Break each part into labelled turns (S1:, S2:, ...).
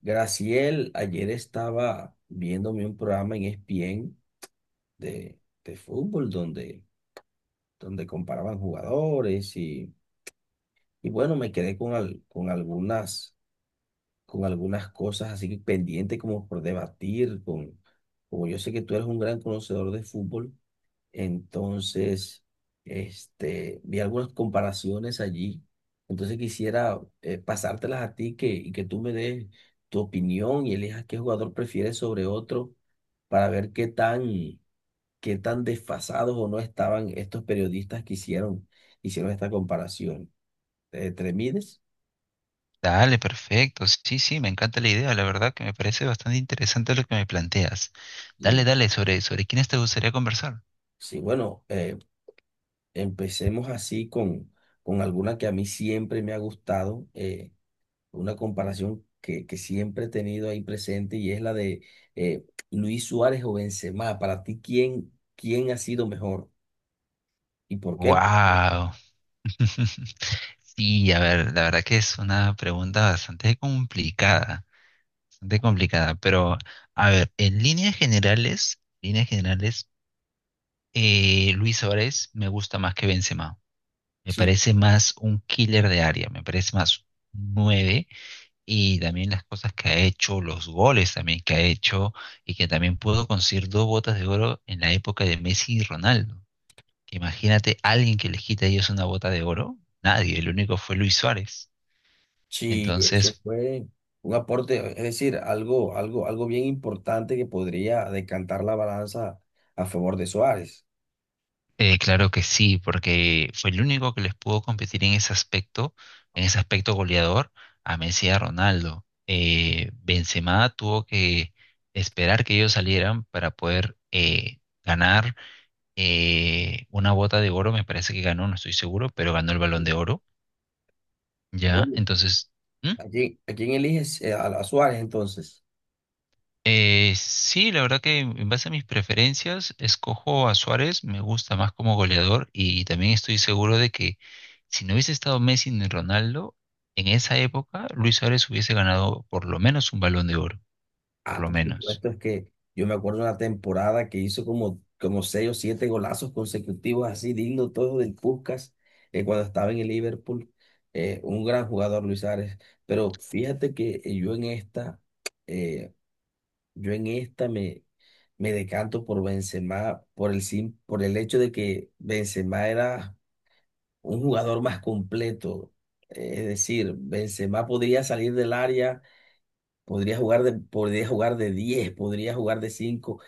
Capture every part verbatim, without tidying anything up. S1: Graciel, ayer estaba viéndome un programa en E S P N de, de fútbol donde, donde comparaban jugadores y, y bueno, me quedé con, al- con algunas, con algunas cosas así pendientes como por debatir con, como yo sé que tú eres un gran conocedor de fútbol. Entonces, este, Vi algunas comparaciones allí. Entonces quisiera eh, pasártelas a ti que, y que tú me des tu opinión y elijas qué jugador prefieres sobre otro para ver qué tan, qué tan desfasados o no estaban estos periodistas que hicieron, hicieron esta comparación. Eh, ¿Te mides?
S2: Dale, perfecto. Sí, sí, me encanta la idea. La verdad que me parece bastante interesante lo que me planteas. Dale,
S1: Sí,
S2: dale, sobre, sobre quiénes te gustaría conversar.
S1: sí, bueno, eh, empecemos así con, con alguna que a mí siempre me ha gustado. Eh, una comparación que, que siempre he tenido ahí presente y es la de eh, Luis Suárez o Benzema. Para ti, ¿quién, quién ha sido mejor? ¿Y por qué?
S2: Wow. Sí, a ver, la verdad que es una pregunta bastante complicada, bastante complicada, pero a ver, en líneas generales, líneas generales, eh, Luis Suárez me gusta más que Benzema. Me
S1: Sí,
S2: parece más un killer de área, me parece más nueve y también las cosas que ha hecho, los goles también que ha hecho y que también pudo conseguir dos botas de oro en la época de Messi y Ronaldo. Que Imagínate alguien que les quita a ellos una bota de oro, nadie, el único fue Luis Suárez.
S1: sí, eso
S2: Entonces,
S1: fue un aporte, es decir, algo, algo, algo bien importante que podría decantar la balanza a favor de Suárez.
S2: eh, claro que sí, porque fue el único que les pudo competir en ese aspecto, en ese aspecto goleador a Messi y a Ronaldo. Eh, Benzema tuvo que esperar que ellos salieran para poder eh, ganar eh, una bota de oro, me parece que ganó, no estoy seguro, pero ganó el Balón de Oro, ¿ya?
S1: Bueno,
S2: Entonces, ¿Mm?
S1: ¿a quién, a quién eliges? Eh, a, a Suárez entonces.
S2: eh, sí, la verdad que en base a mis preferencias, escojo a Suárez, me gusta más como goleador y también estoy seguro de que si no hubiese estado Messi ni Ronaldo, en esa época Luis Suárez hubiese ganado por lo menos un Balón de Oro, por
S1: Ah,
S2: lo
S1: por
S2: menos.
S1: supuesto, es que yo me acuerdo una temporada que hizo como, como seis o siete golazos consecutivos, así digno todo del Puskás, eh, cuando estaba en el Liverpool. Eh, un gran jugador, Luis Suárez. Pero fíjate que eh, yo en esta, eh, yo en esta me, me decanto por Benzema, por el, sim- por el hecho de que Benzema era un jugador más completo. Eh, es decir, Benzema podría salir del área. Podría jugar de, podría jugar de diez, podría jugar de cinco.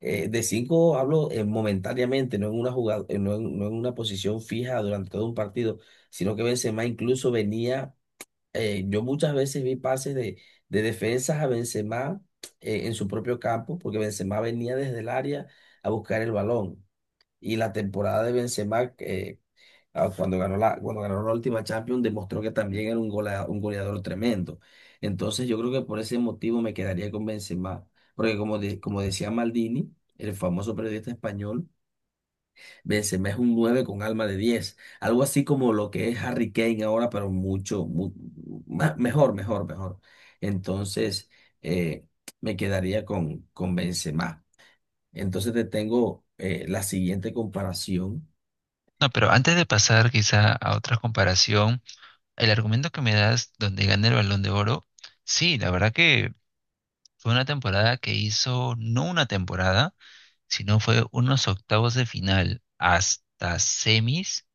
S1: Eh, de cinco hablo eh, momentáneamente, no en una jugada, eh, no en, no en una posición fija durante todo un partido, sino que Benzema incluso venía, eh, yo muchas veces vi pases de, de defensas a Benzema eh, en su propio campo, porque Benzema venía desde el área a buscar el balón. Y la temporada de Benzema, eh, ah, cuando ganó la, cuando ganó la última Champions demostró que también era un golea- un goleador, tremendo. Entonces yo creo que por ese motivo me quedaría con Benzema. Porque como, de- como decía Maldini, el famoso periodista español, Benzema es un nueve con alma de diez. Algo así como lo que es Harry Kane ahora, pero mucho, mu- ma- mejor, mejor, mejor. Entonces eh, me quedaría con, con Benzema. Entonces te tengo eh, la siguiente comparación.
S2: No, pero antes de pasar quizá a otra comparación, el argumento que me das donde gana el Balón de Oro, sí, la verdad que fue una temporada que hizo, no una temporada, sino fue unos octavos de final hasta semis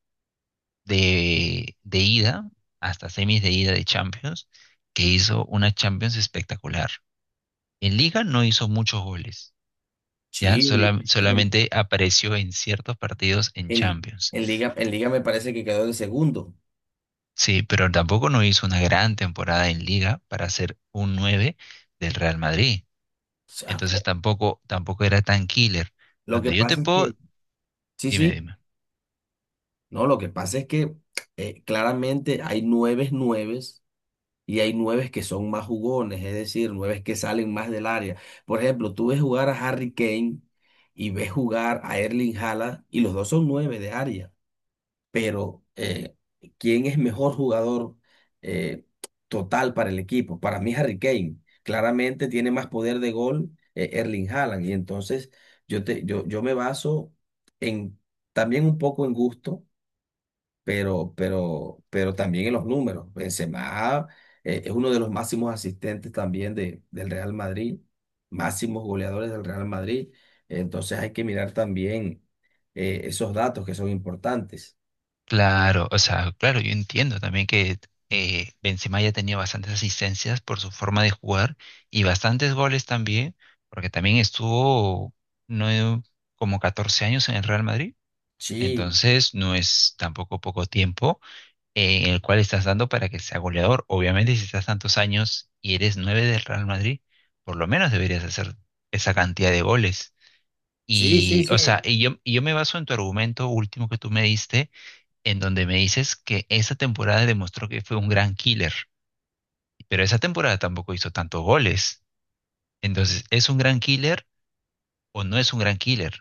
S2: de, de ida, hasta semis de ida de Champions, que hizo una Champions espectacular. En Liga no hizo muchos goles, ¿ya?
S1: Sí, en,
S2: Sola-
S1: li- en-
S2: solamente apareció en ciertos partidos en
S1: en-
S2: Champions.
S1: en liga, en liga me parece que quedó de segundo. O
S2: Sí, pero tampoco no hizo una gran temporada en Liga para ser un nueve del Real Madrid.
S1: sea,
S2: Entonces
S1: co-
S2: tampoco, tampoco era tan killer.
S1: lo que
S2: Donde yo te
S1: pasa es
S2: puedo,
S1: que, sí,
S2: dime,
S1: sí,
S2: dime.
S1: no, lo que pasa es que eh, claramente hay nueves nueves y hay nueves que son más jugones, es decir, nueves que salen más del área. Por ejemplo, tú ves jugar a Harry Kane y ves jugar a Erling Haaland y los dos son nueve de área. Pero eh, ¿quién es mejor jugador eh, total para el equipo? Para mí Harry Kane. Claramente tiene más poder de gol eh, Erling Haaland. Y entonces yo, te, yo, yo me baso en también un poco en gusto, pero, pero, pero también en los números. Benzema eh, es uno de los máximos asistentes también de, del Real Madrid, máximos goleadores del Real Madrid. Entonces hay que mirar también eh, esos datos que son importantes.
S2: Claro, o sea, claro, yo entiendo también que eh, Benzema ya tenía bastantes asistencias por su forma de jugar y bastantes goles también, porque también estuvo no como catorce años en el Real Madrid,
S1: Sí,
S2: entonces no es tampoco poco tiempo eh, en el cual estás dando para que sea goleador. Obviamente, si estás tantos años y eres nueve del Real Madrid, por lo menos deberías hacer esa cantidad de goles.
S1: sí, sí,
S2: Y,
S1: sí,
S2: o sea, y yo, y yo me baso en tu argumento último que tú me diste en donde me dices que esa temporada demostró que fue un gran killer, pero esa temporada tampoco hizo tantos goles. Entonces, ¿es un gran killer o no es un gran killer?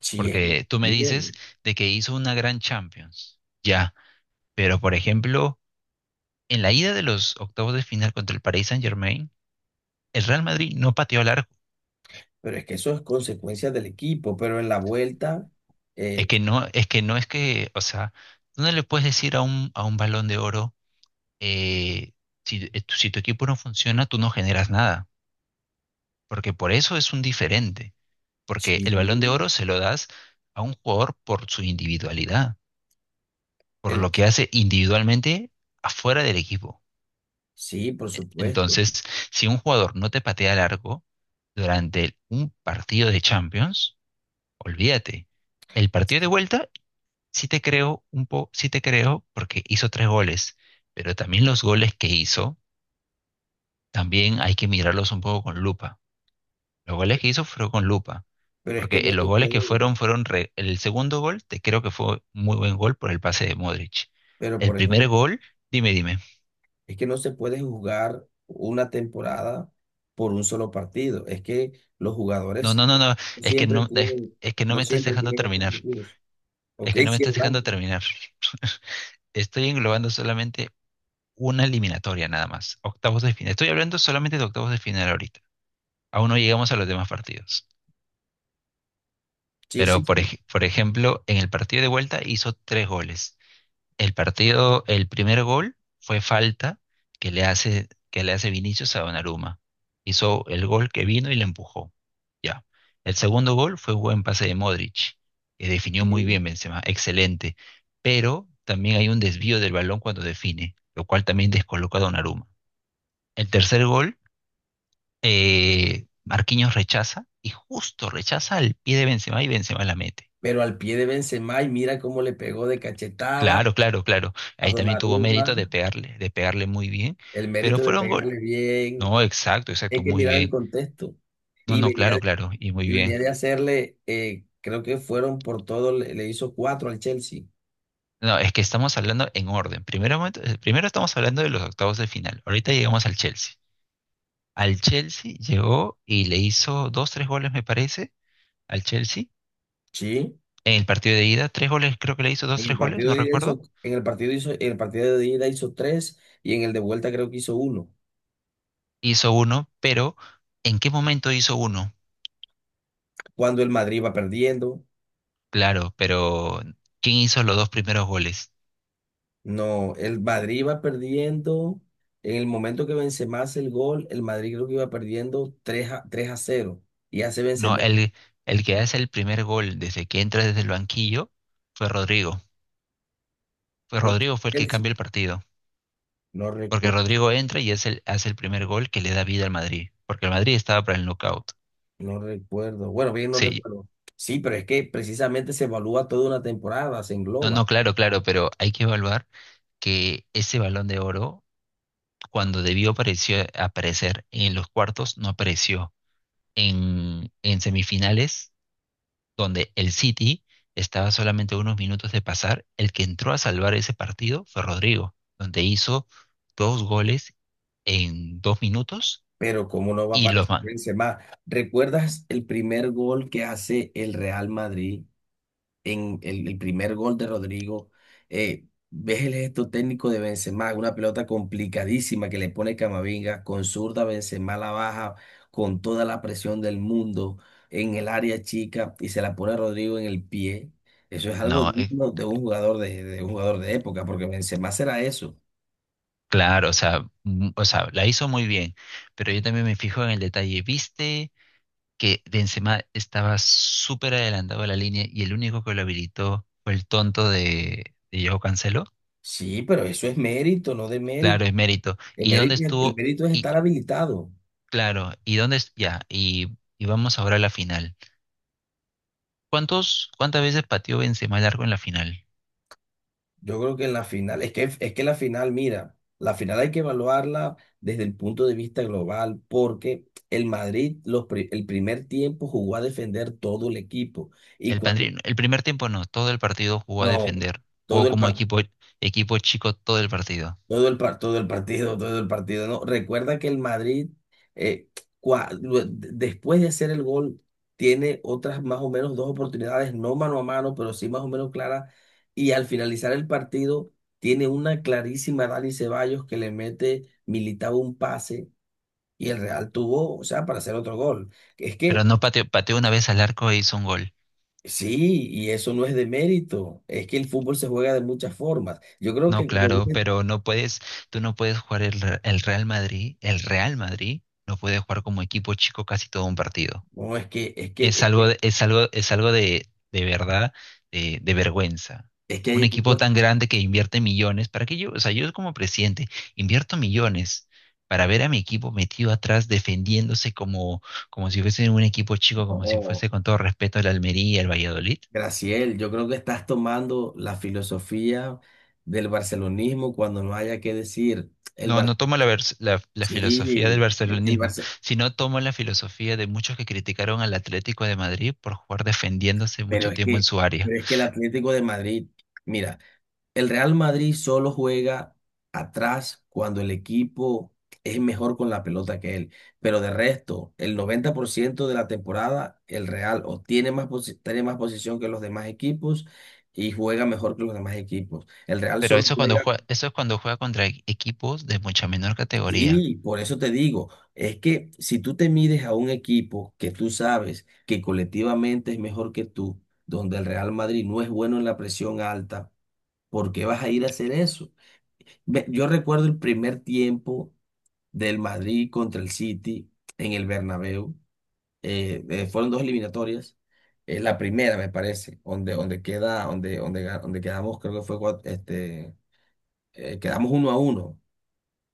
S1: sí, es
S2: Porque tú me dices
S1: bien,
S2: de que hizo una gran Champions, ya, pero por ejemplo, en la ida de los octavos de final contra el Paris Saint-Germain, el Real Madrid no pateó al arco.
S1: pero es que eso es consecuencia del equipo, pero en la vuelta,
S2: Es
S1: eh,
S2: que no, es que no es que, o sea, tú no le puedes decir a un, a un balón de oro, eh, si, eh, tu- si tu equipo no funciona, tú no generas nada, porque por eso es un diferente. Porque
S1: sí,
S2: el Balón de Oro se lo das a un jugador por su individualidad, por
S1: el-
S2: lo que hace individualmente afuera del equipo.
S1: sí, por supuesto,
S2: Entonces, si un jugador no te patea largo durante un partido de Champions, olvídate. El partido de vuelta sí te creo un po, sí te creo porque hizo tres goles, pero también los goles que hizo también hay que mirarlos un poco con lupa. Los goles que hizo fueron con lupa,
S1: pero es
S2: porque
S1: que no
S2: eh, los
S1: se
S2: goles que
S1: puede,
S2: fueron fueron re- el segundo gol, te creo que fue muy buen gol por el pase de Modric.
S1: pero
S2: El
S1: por
S2: primer
S1: ejemplo,
S2: gol, dime, dime.
S1: es que no se puede jugar una temporada por un solo partido, es que los
S2: No,
S1: jugadores
S2: no, no, no,
S1: no
S2: es que
S1: siempre
S2: no es,
S1: tienen,
S2: es que no
S1: no
S2: me estás
S1: siempre
S2: dejando
S1: tienen
S2: terminar.
S1: objetivos.
S2: Es
S1: Ok,
S2: que no me
S1: sí,
S2: estás
S1: es
S2: dejando
S1: blanco.
S2: terminar. Estoy englobando solamente una eliminatoria nada más, octavos de final. Estoy hablando solamente de octavos de final ahorita. Aún no llegamos a los demás partidos.
S1: Sí, sí,
S2: Pero por
S1: sí,
S2: ej- por ejemplo, en el partido de vuelta hizo tres goles. El partido, el primer gol fue falta que le hace, que le hace Vinicius a Donnarumma. Hizo el gol que vino y le empujó. Ya. El segundo gol fue un buen pase de Modric, que definió muy
S1: sí,
S2: bien Benzema, excelente. Pero también hay un desvío del balón cuando define, lo cual también descoloca a Donnarumma. El tercer gol, eh, Marquinhos rechaza y justo rechaza al pie de Benzema y Benzema la mete.
S1: pero al pie de Benzema y mira cómo le pegó de cachetada
S2: Claro, claro, claro.
S1: a
S2: Ahí también tuvo mérito de
S1: Donnarumma.
S2: pegarle, de pegarle muy bien,
S1: El
S2: pero
S1: mérito de
S2: fueron gol.
S1: pegarle bien,
S2: No, exacto,
S1: hay
S2: exacto,
S1: que
S2: muy
S1: mirar el
S2: bien.
S1: contexto.
S2: No,
S1: Y
S2: no,
S1: venía,
S2: claro, claro, y muy
S1: y
S2: bien.
S1: venía de hacerle, eh, creo que fueron por todo, le, le hizo cuatro al Chelsea.
S2: No, es que estamos hablando en orden. Primero, momento- eh, primero estamos hablando de los octavos de final. Ahorita llegamos al Chelsea. Al Chelsea llegó y le hizo dos, tres goles, me parece, al Chelsea.
S1: Sí.
S2: En el partido de ida, tres goles, creo que le hizo dos,
S1: En el
S2: tres goles,
S1: partido
S2: no
S1: de ida hizo,
S2: recuerdo.
S1: en el partido hizo, en el partido de ida hizo tres y en el de vuelta creo que hizo uno.
S2: Hizo uno, pero ¿en qué momento hizo uno?
S1: Cuando el Madrid va perdiendo,
S2: Claro, pero ¿quién hizo los dos primeros goles?
S1: no, el Madrid va perdiendo. En el momento que Benzema hace el gol, el Madrid creo que iba perdiendo tres a, tres a cero. Y hace
S2: No,
S1: Benzema el-
S2: el, el que hace el primer gol desde que entra desde el banquillo fue Rodrigo. Fue
S1: con
S2: Rodrigo fue el que
S1: Chelsea.
S2: cambia el partido.
S1: No
S2: Porque
S1: recuerdo.
S2: Rodrigo entra y es el, hace el primer gol que le da vida al Madrid. Porque el Madrid estaba para el knockout.
S1: No recuerdo. Bueno, bien, no
S2: Sí.
S1: recuerdo. Sí, pero es que precisamente se evalúa toda una temporada, se
S2: No,
S1: engloba.
S2: no, claro, claro, pero hay que evaluar que ese balón de oro, cuando debió apareció- aparecer en los cuartos, no apareció. En, en semifinales donde el City estaba solamente a unos minutos de pasar. El que entró a salvar ese partido fue Rodrigo, donde hizo dos goles en dos minutos
S1: Pero cómo no va a
S2: y los
S1: aparecer
S2: man.
S1: Benzema. ¿Recuerdas el primer gol que hace el Real Madrid? En el, el primer gol de Rodrigo, eh, ves el gesto técnico de Benzema, una pelota complicadísima que le pone Camavinga, con zurda Benzema la baja con toda la presión del mundo en el área chica y se la pone a Rodrigo en el pie. Eso es algo
S2: No, eh,
S1: digno de un jugador de, de un jugador de época, porque Benzema será eso.
S2: claro, o sea, mm, o sea, la hizo muy bien, pero yo también me fijo en el detalle. ¿Viste que Benzema estaba súper adelantado a la línea y el único que lo habilitó fue el tonto de, de Joao Cancelo?
S1: Sí, pero eso es mérito, no de mérito.
S2: Claro, es mérito.
S1: El
S2: ¿Y dónde
S1: mérito, el
S2: estuvo?
S1: mérito es estar habilitado.
S2: Claro, ¿y dónde es? Ya, y, y vamos ahora a la final. ¿Cuántos, cuántas veces pateó Benzema largo en la final?
S1: Yo creo que en la final, es que, es que la final, mira, la final hay que evaluarla desde el punto de vista global, porque el Madrid, los, pri- el primer tiempo jugó a defender todo el equipo y
S2: El,
S1: cuando,
S2: pandri- el primer tiempo no, todo el partido jugó a
S1: no,
S2: defender,
S1: todo
S2: jugó
S1: el
S2: como
S1: partido.
S2: equipo, equipo chico todo el partido,
S1: Todo el, par- todo el partido, todo el partido, ¿no? Recuerda que el Madrid, eh, cua- lue- de- después de hacer el gol, tiene otras más o menos dos oportunidades, no mano a mano, pero sí más o menos claras. Y al finalizar el partido, tiene una clarísima Dani Ceballos que le mete, militaba un pase y el Real tuvo, o sea, para hacer otro gol. Es
S2: pero
S1: que
S2: no pateó, pateó una vez al arco e hizo un gol.
S1: sí, y eso no es de mérito, es que el fútbol se juega de muchas formas. Yo creo
S2: No,
S1: que, como
S2: claro,
S1: dices,
S2: pero no puedes, tú no puedes jugar el, Re- el Real Madrid, el Real Madrid no puede jugar como equipo chico casi todo un partido.
S1: no, es que, es
S2: Es
S1: que,
S2: algo, de- es algo, es algo de, de verdad, de, de vergüenza.
S1: es que hay
S2: Un equipo
S1: equipos.
S2: tan grande que invierte millones, ¿para qué yo? O sea, yo como presidente invierto millones para ver a mi equipo metido atrás defendiéndose como, como si fuese un equipo chico, como si
S1: No.
S2: fuese con todo respeto el Almería, el Valladolid.
S1: Graciel, yo creo que estás tomando la filosofía del barcelonismo cuando no haya que decir el
S2: No,
S1: Bar,
S2: no tomo la, vers- la, la filosofía del
S1: sí, el, el
S2: barcelonismo,
S1: Barce-
S2: sino tomo la filosofía de muchos que criticaron al Atlético de Madrid por jugar defendiéndose
S1: pero
S2: mucho
S1: es
S2: tiempo en
S1: que,
S2: su área.
S1: pero es que el Atlético de Madrid, mira, el Real Madrid solo juega atrás cuando el equipo es mejor con la pelota que él, pero de resto, el noventa por ciento de la temporada el Real o tiene más posi- tiene más posición que los demás equipos y juega mejor que los demás equipos. El Real
S2: Pero
S1: solo
S2: eso es cuando
S1: juega.
S2: juega, eso es cuando juega contra e- equipos de mucha menor categoría.
S1: Sí, por eso te digo, es que si tú te mides a un equipo que tú sabes que colectivamente es mejor que tú, donde el Real Madrid no es bueno en la presión alta, ¿por qué vas a ir a hacer eso? Ve, yo recuerdo el primer tiempo del Madrid contra el City en el Bernabéu, eh, eh, fueron dos eliminatorias, eh, la primera me parece, donde, donde queda, donde, donde, ga- donde quedamos, creo que fue, cuat- este, eh, quedamos uno a uno.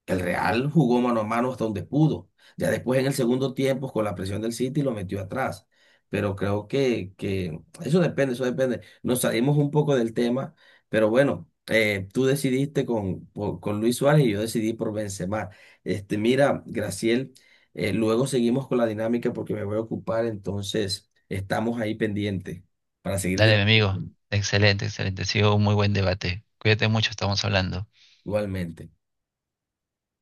S1: El Real jugó mano a mano hasta donde pudo. Ya después en el segundo tiempo, con la presión del City, lo metió atrás. Pero creo que, que eso depende, eso depende. Nos salimos un poco del tema, pero bueno, eh, tú decidiste con, por- con Luis Suárez y yo decidí por Benzema. Este, mira, Graciel, eh, luego seguimos con la dinámica porque me voy a ocupar, entonces estamos ahí pendientes para seguir
S2: Dale, mi amigo.
S1: debatiendo
S2: Excelente, excelente. Ha sido un muy buen debate. Cuídate mucho, estamos hablando.
S1: igualmente.